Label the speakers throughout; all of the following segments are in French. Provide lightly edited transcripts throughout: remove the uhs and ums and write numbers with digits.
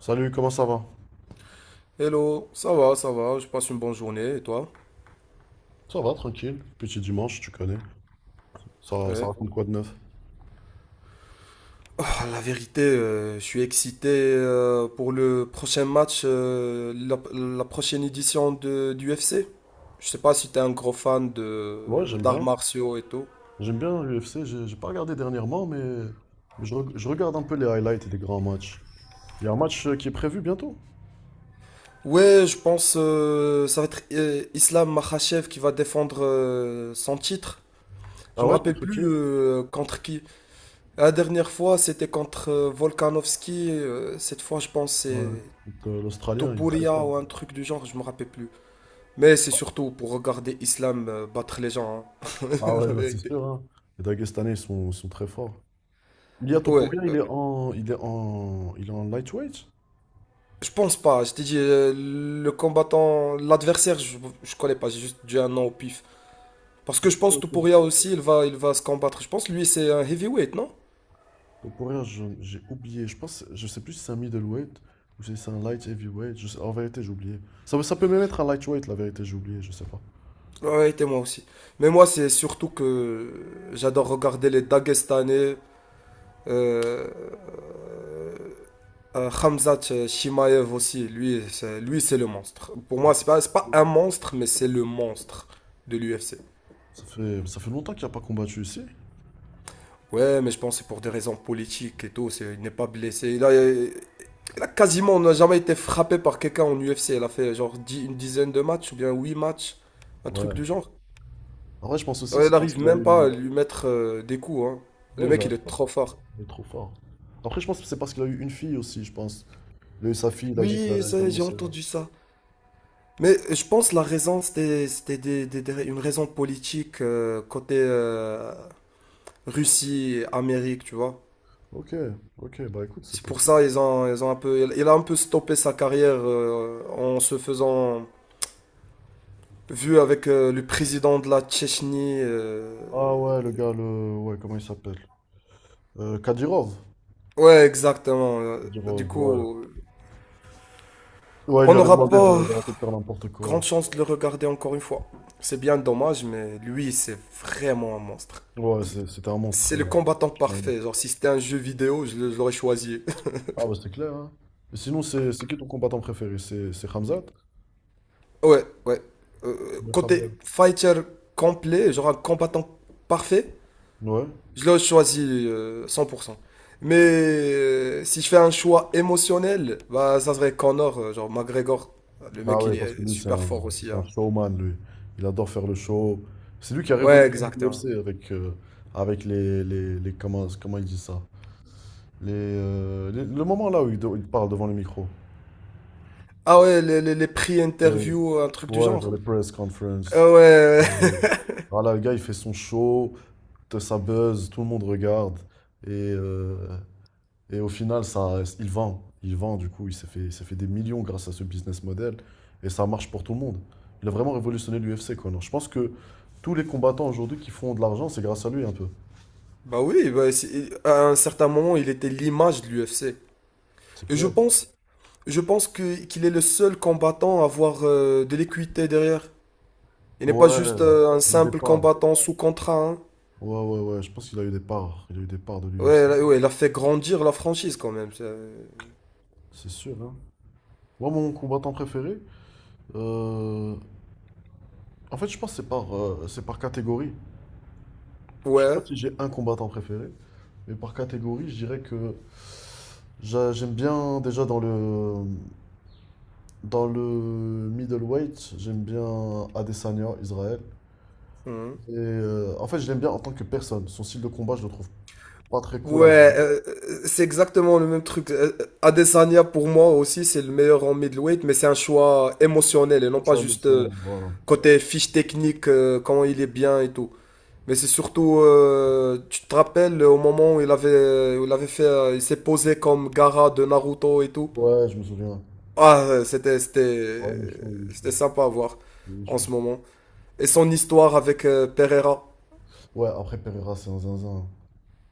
Speaker 1: Salut, comment ça va?
Speaker 2: Hello, ça va, je passe une bonne journée et toi?
Speaker 1: Ça va, tranquille. Petit dimanche, tu connais. Ça
Speaker 2: Ouais.
Speaker 1: raconte quoi de neuf?
Speaker 2: Ah, la vérité, je suis excité pour le prochain match, la prochaine édition du UFC. Je sais pas si t'es un gros fan de
Speaker 1: Ouais, j'aime
Speaker 2: d'arts
Speaker 1: bien.
Speaker 2: martiaux et tout.
Speaker 1: J'aime bien l'UFC. J'ai pas regardé dernièrement, mais je regarde un peu les highlights et les grands matchs. Il y a un match qui est prévu bientôt.
Speaker 2: Ouais, je pense ça va être Islam Makhachev qui va défendre son titre. Je
Speaker 1: Ah
Speaker 2: me
Speaker 1: ouais,
Speaker 2: rappelle
Speaker 1: contre qui?
Speaker 2: plus contre qui. La dernière fois, c'était contre Volkanovski. Cette fois, je pense c'est
Speaker 1: Ouais, contre l'Australien, il est très
Speaker 2: Topuria
Speaker 1: fort.
Speaker 2: ou un truc du genre, je me rappelle plus. Mais c'est surtout pour regarder Islam battre les gens, hein.
Speaker 1: Ah ouais,
Speaker 2: La
Speaker 1: là, c'est
Speaker 2: vérité.
Speaker 1: sûr, hein. Les Dagestanais, ils sont très forts. Ilia
Speaker 2: Ouais,
Speaker 1: Topuria, il est en, il est en, il est en lightweight?
Speaker 2: je pense pas. Je t'ai dit, le combattant, l'adversaire, je connais pas. J'ai juste dit un nom au pif. Parce que je pense Topuria aussi, il va se combattre. Je pense lui, c'est un heavyweight, non?
Speaker 1: Le poids rire, j'ai oublié. Je pense, je sais plus si c'est un middleweight ou si c'est un light heavyweight. En vérité, j'ai oublié. Ça peut même être un lightweight, la vérité, j'ai oublié, je sais pas.
Speaker 2: Ouais, et moi aussi. Mais moi, c'est surtout que j'adore regarder les Dagestanais. euh, Khamzat Shimaev aussi, lui, c'est le monstre. Pour moi, c'est pas un monstre, mais c'est le monstre de l'UFC.
Speaker 1: Ça fait longtemps qu'il n'a pas combattu ici.
Speaker 2: Ouais, mais je pense que c'est pour des raisons politiques et tout. Il n'est pas blessé. On n'a jamais été frappé par quelqu'un en UFC. Il a fait genre une dizaine de matchs ou bien huit matchs, un truc
Speaker 1: Ouais.
Speaker 2: du genre.
Speaker 1: En vrai, je pense aussi,
Speaker 2: Ouais, il
Speaker 1: c'est parce
Speaker 2: n'arrive
Speaker 1: qu'il a
Speaker 2: même
Speaker 1: eu.
Speaker 2: pas à lui mettre des coups, hein. Le
Speaker 1: Ouais, ils
Speaker 2: mec,
Speaker 1: arrivent
Speaker 2: il est
Speaker 1: pas.
Speaker 2: trop fort.
Speaker 1: Il est trop fort. Après, je pense que c'est parce qu'il a eu une fille aussi, je pense. Il a eu sa fille, il a dit qu'il
Speaker 2: Oui,
Speaker 1: allait
Speaker 2: ça, j'ai
Speaker 1: commencer.
Speaker 2: entendu ça. Mais je pense la raison, c'était une raison politique côté Russie, Amérique, tu vois.
Speaker 1: Ok, ok, bah écoute, c'est
Speaker 2: C'est pour
Speaker 1: possible.
Speaker 2: ça ils ont un peu, il a un peu stoppé sa carrière en se faisant vu avec le président de la Tchétchénie.
Speaker 1: Ah ouais, le gars, le. Ouais, comment il s'appelle? Kadirov.
Speaker 2: Ouais, exactement. Du
Speaker 1: Kadirov, ouais.
Speaker 2: coup,
Speaker 1: Ouais, il
Speaker 2: on
Speaker 1: lui avait
Speaker 2: n'aura
Speaker 1: demandé
Speaker 2: pas
Speaker 1: d'arrêter de faire n'importe quoi.
Speaker 2: grande chance de le regarder encore une fois. C'est bien dommage, mais lui, c'est vraiment un monstre.
Speaker 1: Ouais,
Speaker 2: Il-
Speaker 1: c'était un monstre.
Speaker 2: C'est le combattant
Speaker 1: Ouais.
Speaker 2: parfait. Genre, si c'était un jeu vidéo, je l'aurais choisi.
Speaker 1: Ah bah c'est clair, hein. Et sinon, c'est qui ton combattant préféré? C'est Khamzat?
Speaker 2: Ouais, ouais.
Speaker 1: Le Khamzat.
Speaker 2: Côté fighter complet, genre un combattant parfait,
Speaker 1: Ouais.
Speaker 2: je le choisis 100%. Mais si je fais un choix émotionnel, bah, ça serait Connor, genre McGregor. Le
Speaker 1: Ah
Speaker 2: mec, il
Speaker 1: ouais, parce que
Speaker 2: est
Speaker 1: lui, c'est
Speaker 2: super
Speaker 1: un,
Speaker 2: fort aussi,
Speaker 1: c'est un
Speaker 2: hein.
Speaker 1: showman, lui. Il adore faire le show. C'est lui qui a
Speaker 2: Ouais,
Speaker 1: révolutionné
Speaker 2: exactement.
Speaker 1: l'UFC avec Comment il dit ça? Le moment là où il parle devant le micro.
Speaker 2: Ah ouais, les prix
Speaker 1: Euh,
Speaker 2: interview, un truc du
Speaker 1: ouais, genre
Speaker 2: genre.
Speaker 1: les press conferences.
Speaker 2: Ah ouais,
Speaker 1: Euh, voilà, le gars, il fait son show, ça buzz, tout le monde regarde. Et euh, Et au final, ça, il vend. Il vend, du coup, il s'est fait des millions grâce à ce business model. Et ça marche pour tout le monde. Il a vraiment révolutionné l'UFC, Conor. Je pense que tous les combattants aujourd'hui qui font de l'argent, c'est grâce à lui un peu.
Speaker 2: bah oui, à un certain moment, il était l'image de l'UFC.
Speaker 1: C'est
Speaker 2: Et je
Speaker 1: clair.
Speaker 2: pense, je pense que qu'il est le seul combattant à avoir de l'équité derrière. Il n'est pas
Speaker 1: Ouais,
Speaker 2: juste un
Speaker 1: il a des
Speaker 2: simple
Speaker 1: parts.
Speaker 2: combattant sous contrat, hein.
Speaker 1: Ouais, ouais, ouais, je pense qu'il a eu des parts. Il a eu des parts de l'UFC.
Speaker 2: Ouais, ouais, il a fait grandir la franchise quand même.
Speaker 1: C'est sûr, hein. Moi, mon combattant préféré, euh, en fait, je pense que c'est par catégorie. Je sais pas
Speaker 2: Ouais.
Speaker 1: si j'ai un combattant préféré, mais par catégorie, je dirais que j'aime bien déjà dans le middleweight, j'aime bien Adesanya, Israël.
Speaker 2: Mhm.
Speaker 1: Et en fait, je l'aime bien en tant que personne. Son style de combat, je le trouve pas très cool à
Speaker 2: Ouais,
Speaker 1: regarder.
Speaker 2: c'est exactement le même truc. Adesanya, pour moi aussi, c'est le meilleur en middleweight, mais c'est un choix émotionnel et
Speaker 1: Pas
Speaker 2: non pas
Speaker 1: très
Speaker 2: juste
Speaker 1: émotionnel, voilà.
Speaker 2: côté fiche technique, quand il est bien et tout. Mais c'est surtout, tu te rappelles au moment où il avait fait, il s'est posé comme Gaara de Naruto et tout.
Speaker 1: Ouais, je me souviens.
Speaker 2: Ah,
Speaker 1: Ouais, il est chaud, il est
Speaker 2: c'était
Speaker 1: chaud.
Speaker 2: sympa à voir
Speaker 1: Il est
Speaker 2: en ce
Speaker 1: chaud.
Speaker 2: moment. Et son histoire avec Pereira.
Speaker 1: Ouais, après Pereira, c'est un zinzin.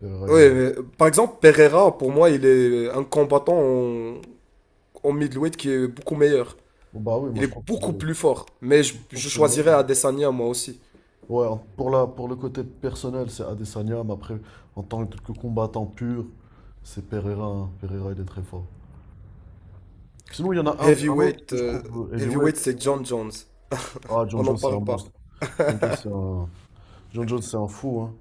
Speaker 1: Pereira, il est.
Speaker 2: Ouais, mais, par exemple, Pereira, pour moi, il est un combattant en, middleweight qui est beaucoup meilleur.
Speaker 1: Bon, bah oui, moi
Speaker 2: Il
Speaker 1: je
Speaker 2: est
Speaker 1: trouve qu'il
Speaker 2: beaucoup
Speaker 1: est.
Speaker 2: plus fort. Mais je,
Speaker 1: Je trouve
Speaker 2: je
Speaker 1: que c'est bon.
Speaker 2: choisirais Adesanya, moi aussi.
Speaker 1: Ouais, pour le côté personnel, c'est Adesanya, mais après, en tant que combattant pur, c'est Pereira, hein. Pereira, il est très fort. Sinon, il y en a un autre
Speaker 2: Heavyweight,
Speaker 1: que je
Speaker 2: euh,
Speaker 1: trouve heavyweight.
Speaker 2: heavyweight, c'est John Jones.
Speaker 1: Ah, John
Speaker 2: On n'en
Speaker 1: Jones, c'est un
Speaker 2: parle pas.
Speaker 1: monstre. John Jones, c'est un fou, hein.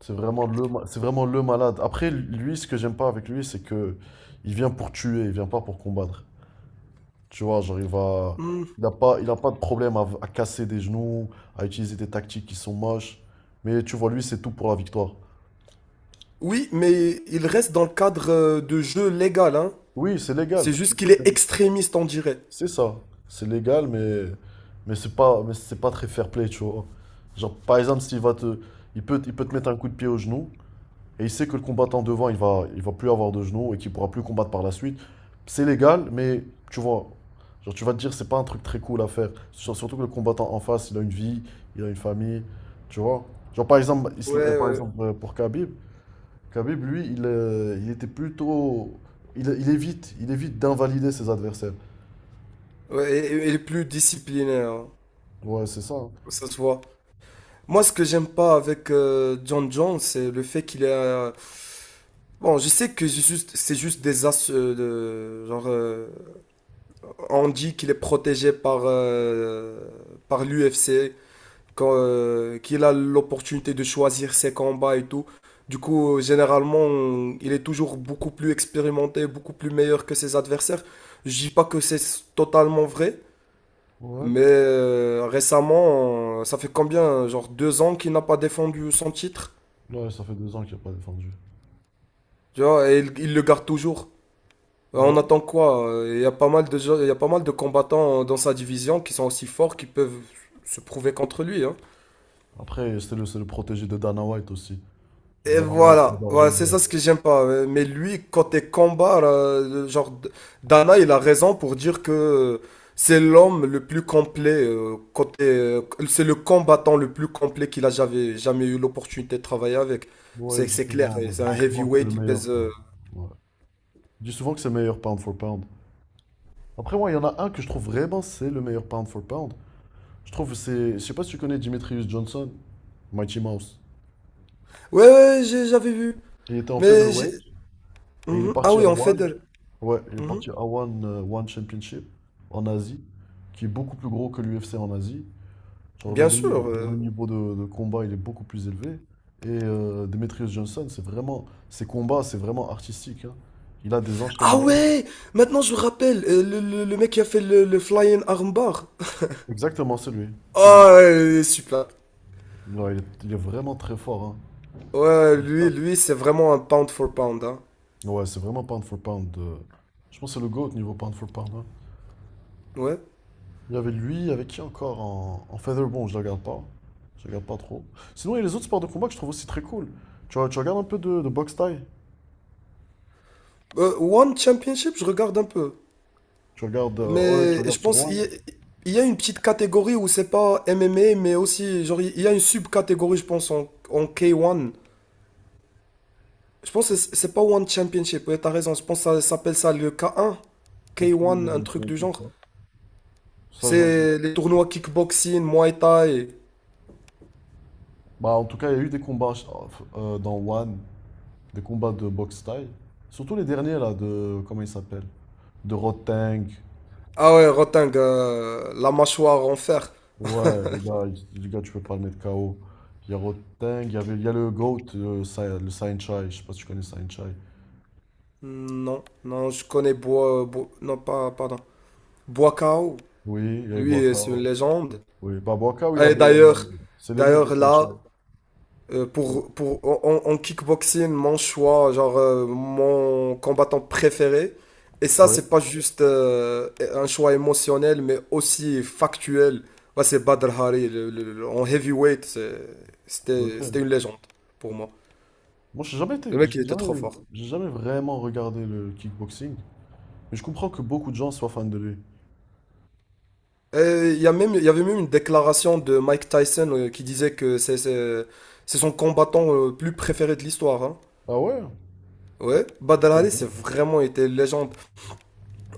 Speaker 1: C'est vraiment le malade. Après, lui, ce que j'aime pas avec lui, c'est que il vient pour tuer, il vient pas pour combattre. Tu vois, genre,
Speaker 2: Hmm.
Speaker 1: il a pas de problème à casser des genoux, à utiliser des tactiques qui sont moches. Mais tu vois, lui, c'est tout pour la victoire.
Speaker 2: Oui, mais il reste dans le cadre de jeu légal, hein.
Speaker 1: Oui, c'est légal.
Speaker 2: C'est juste qu'il
Speaker 1: C'est ça.
Speaker 2: est extrémiste, on dirait.
Speaker 1: C'est ça. C'est légal, mais c'est pas très fair play, tu vois. Genre, par exemple, il peut te mettre un coup de pied au genou, et il sait que le combattant devant, il va plus avoir de genou et qu'il pourra plus combattre par la suite. C'est légal, mais tu vois, genre, tu vas te dire, c'est pas un truc très cool à faire. Surtout que le combattant en face, il a une vie, il a une famille, tu vois. Genre, par exemple,
Speaker 2: Ouais, ouais.
Speaker 1: pour Khabib, Khabib, lui, il était plutôt. Il évite d'invalider ses adversaires.
Speaker 2: Ouais, et il est plus disciplinaire, hein.
Speaker 1: Ouais, c'est ça, hein.
Speaker 2: Ça se voit. Moi, ce que j'aime pas avec John Jones, c'est le fait qu'il est. Bon, je sais que c'est juste des as de genre on dit qu'il est protégé par par l'UFC, quand, qu'il a l'opportunité de choisir ses combats et tout. Du coup, généralement, il est toujours beaucoup plus expérimenté, beaucoup plus meilleur que ses adversaires. Je dis pas que c'est totalement vrai,
Speaker 1: Ouais.
Speaker 2: mais récemment, ça fait combien, genre 2 ans qu'il n'a pas défendu son titre,
Speaker 1: Ouais, ça fait 2 ans qu'il n'a pas défendu.
Speaker 2: tu vois, et il le garde toujours.
Speaker 1: Bah
Speaker 2: On
Speaker 1: oui.
Speaker 2: attend quoi? Il y a pas mal de combattants dans sa division qui sont aussi forts, qui peuvent se prouver contre lui, hein.
Speaker 1: Après, c'est le protégé de Dana White aussi. Donc,
Speaker 2: Et
Speaker 1: Dana White
Speaker 2: voilà,
Speaker 1: adore
Speaker 2: voilà,
Speaker 1: John
Speaker 2: c'est
Speaker 1: Jones.
Speaker 2: ça ce que j'aime pas. Mais lui, côté combat, là, le genre, Dana, il a raison pour dire que c'est l'homme le plus complet, c'est le combattant le plus complet qu'il a jamais, jamais eu l'opportunité de travailler avec.
Speaker 1: Ouais,
Speaker 2: C'est,
Speaker 1: il dit
Speaker 2: c'est clair, et
Speaker 1: souvent,
Speaker 2: c'est
Speaker 1: il
Speaker 2: un
Speaker 1: dit souvent que c'est le
Speaker 2: heavyweight, il
Speaker 1: meilleur,
Speaker 2: pèse.
Speaker 1: quoi. Ouais. Il dit souvent que c'est le meilleur pound for pound. Après, moi, il y en a un que je trouve vraiment c'est le meilleur pound for pound. Je trouve que c'est. Je sais pas si tu connais Demetrius Johnson, Mighty Mouse.
Speaker 2: Ouais, ouais, j'avais vu.
Speaker 1: Il était en
Speaker 2: Mais j'ai.
Speaker 1: featherweight et il est
Speaker 2: Mhm. Ah
Speaker 1: parti à
Speaker 2: oui, en
Speaker 1: One.
Speaker 2: Federer.
Speaker 1: Ouais, il est
Speaker 2: Mhm.
Speaker 1: parti à One, One Championship en Asie, qui est beaucoup plus gros que l'UFC en Asie. Genre le,
Speaker 2: Bien sûr.
Speaker 1: le niveau de combat, il est beaucoup plus élevé. Demetrius Johnson, c'est vraiment, ses combats, c'est vraiment artistique, hein. Il a des
Speaker 2: Ah
Speaker 1: enchaînements.
Speaker 2: ouais! Maintenant, je me rappelle, le mec qui a fait le flying armbar.
Speaker 1: Exactement, c'est lui. C'est lui.
Speaker 2: Ah, il est super.
Speaker 1: Ouais, il est vraiment très fort,
Speaker 2: Ouais, lui,
Speaker 1: hein.
Speaker 2: lui, c'est vraiment un pound for pound, hein.
Speaker 1: Ouais, c'est vraiment pound for pound. Je pense que c'est le GOAT niveau pound for pound, hein.
Speaker 2: Ouais.
Speaker 1: Il y avait lui, avec qui encore en, Featherbone, je ne la regarde pas. Je ne regarde pas trop. Sinon, il y a les autres sports de combat que je trouve aussi très cool. Tu regardes un peu de boxe thaï?
Speaker 2: One Championship, je regarde un peu.
Speaker 1: Tu regardes. Ouais, tu
Speaker 2: Mais je
Speaker 1: regardes sur
Speaker 2: pense il
Speaker 1: One?
Speaker 2: y a, il y a une petite catégorie où c'est pas MMA, mais aussi, genre, il y a une sub-catégorie, je pense, en, K1. Je pense que c'est pas One Championship, ouais, t'as raison. Je pense que ça s'appelle ça le K1. K1,
Speaker 1: Aucune
Speaker 2: un
Speaker 1: idée, je
Speaker 2: un
Speaker 1: me
Speaker 2: truc
Speaker 1: souviens
Speaker 2: du
Speaker 1: plus de
Speaker 2: genre.
Speaker 1: ça. Ça, je.
Speaker 2: C'est les tournois kickboxing, muay thai.
Speaker 1: Bah, en tout cas, il y a eu des combats dans One, des combats de boxe thaï. Surtout les derniers, là, de. Comment il s'appelle? De Roteng.
Speaker 2: Ah ouais, Roteng, la mâchoire en fer.
Speaker 1: Ouais, le gars, tu peux pas le mettre KO. Il y a Roteng, il y a le GOAT, le Sain Chai. Je sais pas si tu connais Sain Chai.
Speaker 2: Non, non, je connais Bois. Non, pas, pardon. Bois Kao.
Speaker 1: Oui, il y a eu
Speaker 2: Lui, c'est une
Speaker 1: Boakao.
Speaker 2: légende.
Speaker 1: Oui, Babacar, oui, il
Speaker 2: Et
Speaker 1: avait.
Speaker 2: d'ailleurs,
Speaker 1: C'est l'élève de
Speaker 2: d'ailleurs,
Speaker 1: Sanchez.
Speaker 2: là,
Speaker 1: Ouais.
Speaker 2: en kickboxing, mon choix, genre mon combattant préféré. Et ça,
Speaker 1: Ouais.
Speaker 2: c'est pas juste un choix émotionnel, mais aussi factuel. Bah, c'est Badr Hari, en heavyweight,
Speaker 1: Ok.
Speaker 2: c'était une légende pour moi.
Speaker 1: Moi, j'ai jamais été,
Speaker 2: Le mec, il était trop fort.
Speaker 1: j'ai jamais vraiment regardé le kickboxing, mais je comprends que beaucoup de gens soient fans de lui.
Speaker 2: Et il y avait même une déclaration de Mike Tyson qui disait que c'est son combattant plus préféré de l'histoire, hein.
Speaker 1: Ah ouais?
Speaker 2: Ouais, Badr
Speaker 1: Très
Speaker 2: Hari,
Speaker 1: bien.
Speaker 2: c'est vraiment été une légende.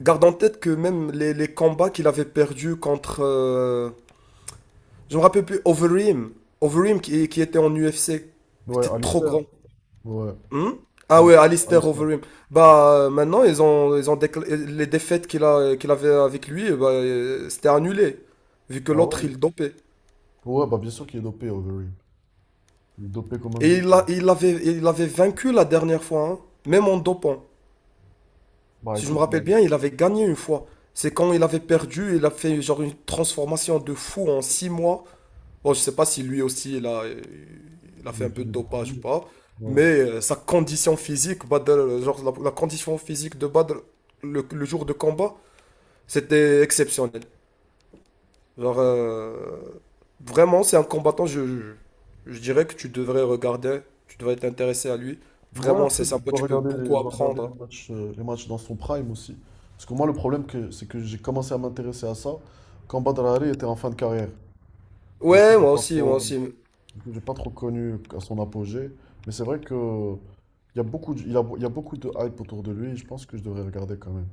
Speaker 2: Garde en tête que même les combats qu'il avait perdus contre, je me rappelle plus, Overeem. Overeem qui était en UFC.
Speaker 1: Ouais,
Speaker 2: C'était trop
Speaker 1: Alistair.
Speaker 2: grand.
Speaker 1: Ouais.
Speaker 2: Hmm, ah
Speaker 1: Al-
Speaker 2: ouais, Alistair
Speaker 1: Alistair.
Speaker 2: Overeem. Bah maintenant, les défaites qu'il avait avec lui, eh bah, c'était annulé. Vu que
Speaker 1: Ah
Speaker 2: l'autre,
Speaker 1: ouais?
Speaker 2: il dopait.
Speaker 1: Ouais, bah bien sûr qu'il est dopé, Overeem. Il est dopé comme un
Speaker 2: Et
Speaker 1: but.
Speaker 2: il avait vaincu la dernière fois, hein, même en dopant.
Speaker 1: Bah
Speaker 2: Si je me
Speaker 1: écoute,
Speaker 2: rappelle
Speaker 1: on
Speaker 2: bien, il avait gagné une fois. C'est quand il avait perdu, il a fait genre une transformation de fou en 6 mois. Bon, je sais pas si lui aussi il a
Speaker 1: on
Speaker 2: fait un peu de
Speaker 1: étudie des
Speaker 2: dopage ou
Speaker 1: produits.
Speaker 2: pas,
Speaker 1: Ouais.
Speaker 2: mais sa condition physique, Badr, genre la condition physique de Badr le jour de combat, c'était exceptionnel. Genre, vraiment, c'est un combattant, je dirais que tu devrais regarder, tu devrais t'intéresser à lui.
Speaker 1: Ouais,
Speaker 2: Vraiment,
Speaker 1: après,
Speaker 2: c'est
Speaker 1: je
Speaker 2: sympa,
Speaker 1: dois
Speaker 2: tu peux
Speaker 1: regarder les,
Speaker 2: beaucoup
Speaker 1: je dois regarder les
Speaker 2: apprendre.
Speaker 1: matchs dans son prime aussi. Parce que moi, le problème, que, c'est que j'ai commencé à m'intéresser à ça quand Badr Ali était en fin de carrière. Du coup,
Speaker 2: Ouais,
Speaker 1: j'ai
Speaker 2: moi
Speaker 1: pas
Speaker 2: aussi, moi
Speaker 1: trop,
Speaker 2: aussi.
Speaker 1: du coup, j'ai pas trop connu à son apogée. Mais c'est vrai que il y a beaucoup de, il y a beaucoup de hype autour de lui. Je pense que je devrais regarder quand même.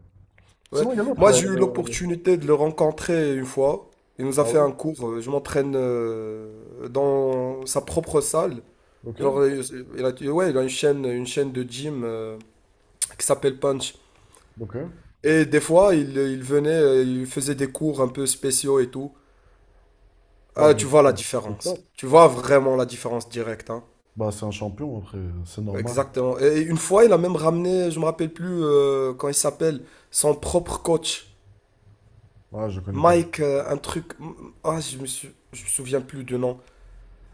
Speaker 2: Ouais.
Speaker 1: Sinon, il y a l'autre,
Speaker 2: Moi,
Speaker 1: là.
Speaker 2: j'ai eu l'opportunité de le rencontrer une fois. Il nous a
Speaker 1: Ah
Speaker 2: fait
Speaker 1: oui?
Speaker 2: un cours. Je m'entraîne dans sa propre salle.
Speaker 1: Ok,
Speaker 2: Genre, ouais, il a une chaîne de gym qui s'appelle Punch.
Speaker 1: ok.
Speaker 2: Et des fois, il venait, il faisait des cours un peu spéciaux et tout.
Speaker 1: Ah
Speaker 2: Ah,
Speaker 1: bah,
Speaker 2: tu vois la
Speaker 1: c'est c'est
Speaker 2: différence.
Speaker 1: top.
Speaker 2: Tu vois vraiment la différence directe, hein.
Speaker 1: Bah, c'est un champion, après, c'est normal.
Speaker 2: Exactement. Et une fois, il a même ramené, je me rappelle plus quand il s'appelle, son propre coach.
Speaker 1: Ouais, je connais pas.
Speaker 2: Mike, un truc. Ah, je me souviens plus du nom.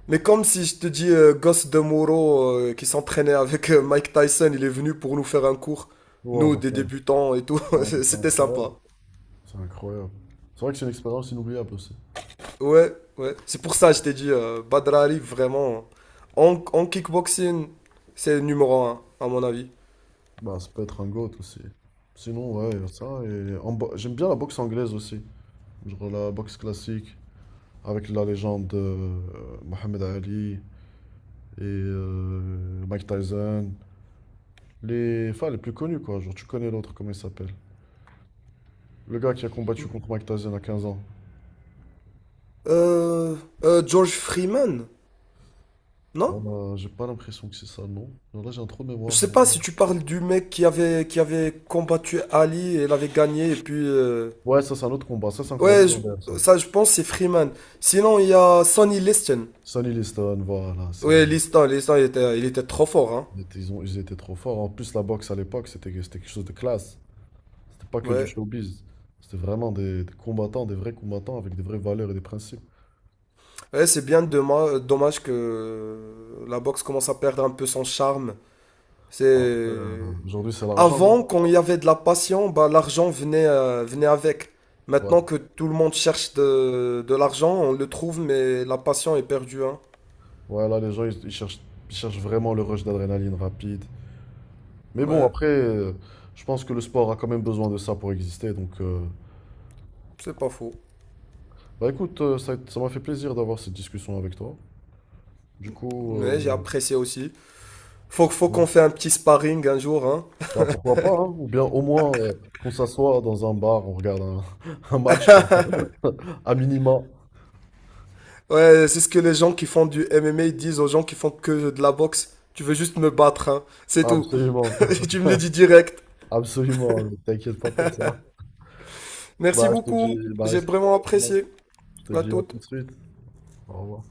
Speaker 2: Mais comme si je te dis Gosse de Moro qui s'entraînait avec Mike Tyson, il est venu pour nous faire un cours.
Speaker 1: Ouais,
Speaker 2: Nous,
Speaker 1: bah,
Speaker 2: des
Speaker 1: c'est
Speaker 2: débutants et tout.
Speaker 1: c'est un- c'est
Speaker 2: C'était
Speaker 1: incroyable.
Speaker 2: sympa.
Speaker 1: C'est incroyable. C'est vrai que c'est une expérience inoubliable aussi.
Speaker 2: Ouais, ouais. C'est pour ça que je t'ai dit Badrari, vraiment. En kickboxing, c'est le numéro un, à mon avis.
Speaker 1: Bah, ça peut être un GOAT aussi. Sinon, ouais, y a ça. Et j'aime bien la boxe anglaise aussi. Genre la boxe classique, avec la légende de Mohamed Ali et Mike Tyson. Les, enfin, les plus connus, quoi. Genre, tu connais l'autre, comment il s'appelle? Le gars qui a combattu contre Mike Tyson à 15 ans.
Speaker 2: Euh, George Freeman, non?
Speaker 1: J'ai pas l'impression que c'est ça, non. Genre là, j'ai un trou de
Speaker 2: Je
Speaker 1: mémoire, là.
Speaker 2: sais pas si tu parles du mec qui avait combattu Ali et l'avait gagné et puis.
Speaker 1: Ouais, ça, c'est un autre combat. Ça, c'est un combat
Speaker 2: Ouais,
Speaker 1: légendaire, ça.
Speaker 2: ça je pense c'est Freeman. Sinon il y a Sonny Liston.
Speaker 1: Sonny Liston, voilà, c'est
Speaker 2: Ouais,
Speaker 1: lui.
Speaker 2: Liston il était trop fort, hein.
Speaker 1: Ils étaient trop forts. En plus, la boxe à l'époque, c'était quelque chose de classe. C'était pas que du
Speaker 2: Ouais,
Speaker 1: showbiz. C'était vraiment des combattants, des vrais combattants avec des vraies valeurs et des principes.
Speaker 2: ouais c'est bien dommage, dommage que la boxe commence à perdre un peu son charme.
Speaker 1: Alors que,
Speaker 2: C'est
Speaker 1: aujourd'hui, c'est l'argent, non?
Speaker 2: avant quand il y avait de la passion, bah l'argent venait avec.
Speaker 1: Ouais.
Speaker 2: Maintenant que tout le monde cherche de l'argent, on le trouve mais la passion est perdue, hein.
Speaker 1: Ouais, là, les gens, ils cherchent vraiment le rush d'adrénaline rapide. Mais bon,
Speaker 2: Ouais,
Speaker 1: après, je pense que le sport a quand même besoin de ça pour exister. Donc,
Speaker 2: c'est pas faux.
Speaker 1: bah écoute, ça, ça m'a fait plaisir d'avoir cette discussion avec toi. Du coup,
Speaker 2: Mais j'ai apprécié aussi. Faut,
Speaker 1: si tu
Speaker 2: faut
Speaker 1: veux,
Speaker 2: qu'on fait un petit sparring un jour, hein.
Speaker 1: bah pourquoi pas, hein. Ou bien au moins qu'on s'assoit dans un bar, on regarde un, un match. À minima.
Speaker 2: Ouais, c'est ce que les gens qui font du MMA disent aux gens qui font que de la boxe. Tu veux juste me battre, hein. C'est tout.
Speaker 1: Absolument.
Speaker 2: Et tu me le dis direct.
Speaker 1: Absolument, mais t'inquiète pas pour ça.
Speaker 2: Merci
Speaker 1: Bah, je te dis,
Speaker 2: beaucoup.
Speaker 1: bah,
Speaker 2: J'ai
Speaker 1: je
Speaker 2: vraiment apprécié.
Speaker 1: te
Speaker 2: À
Speaker 1: dis à tout de
Speaker 2: toute.
Speaker 1: suite. Au revoir.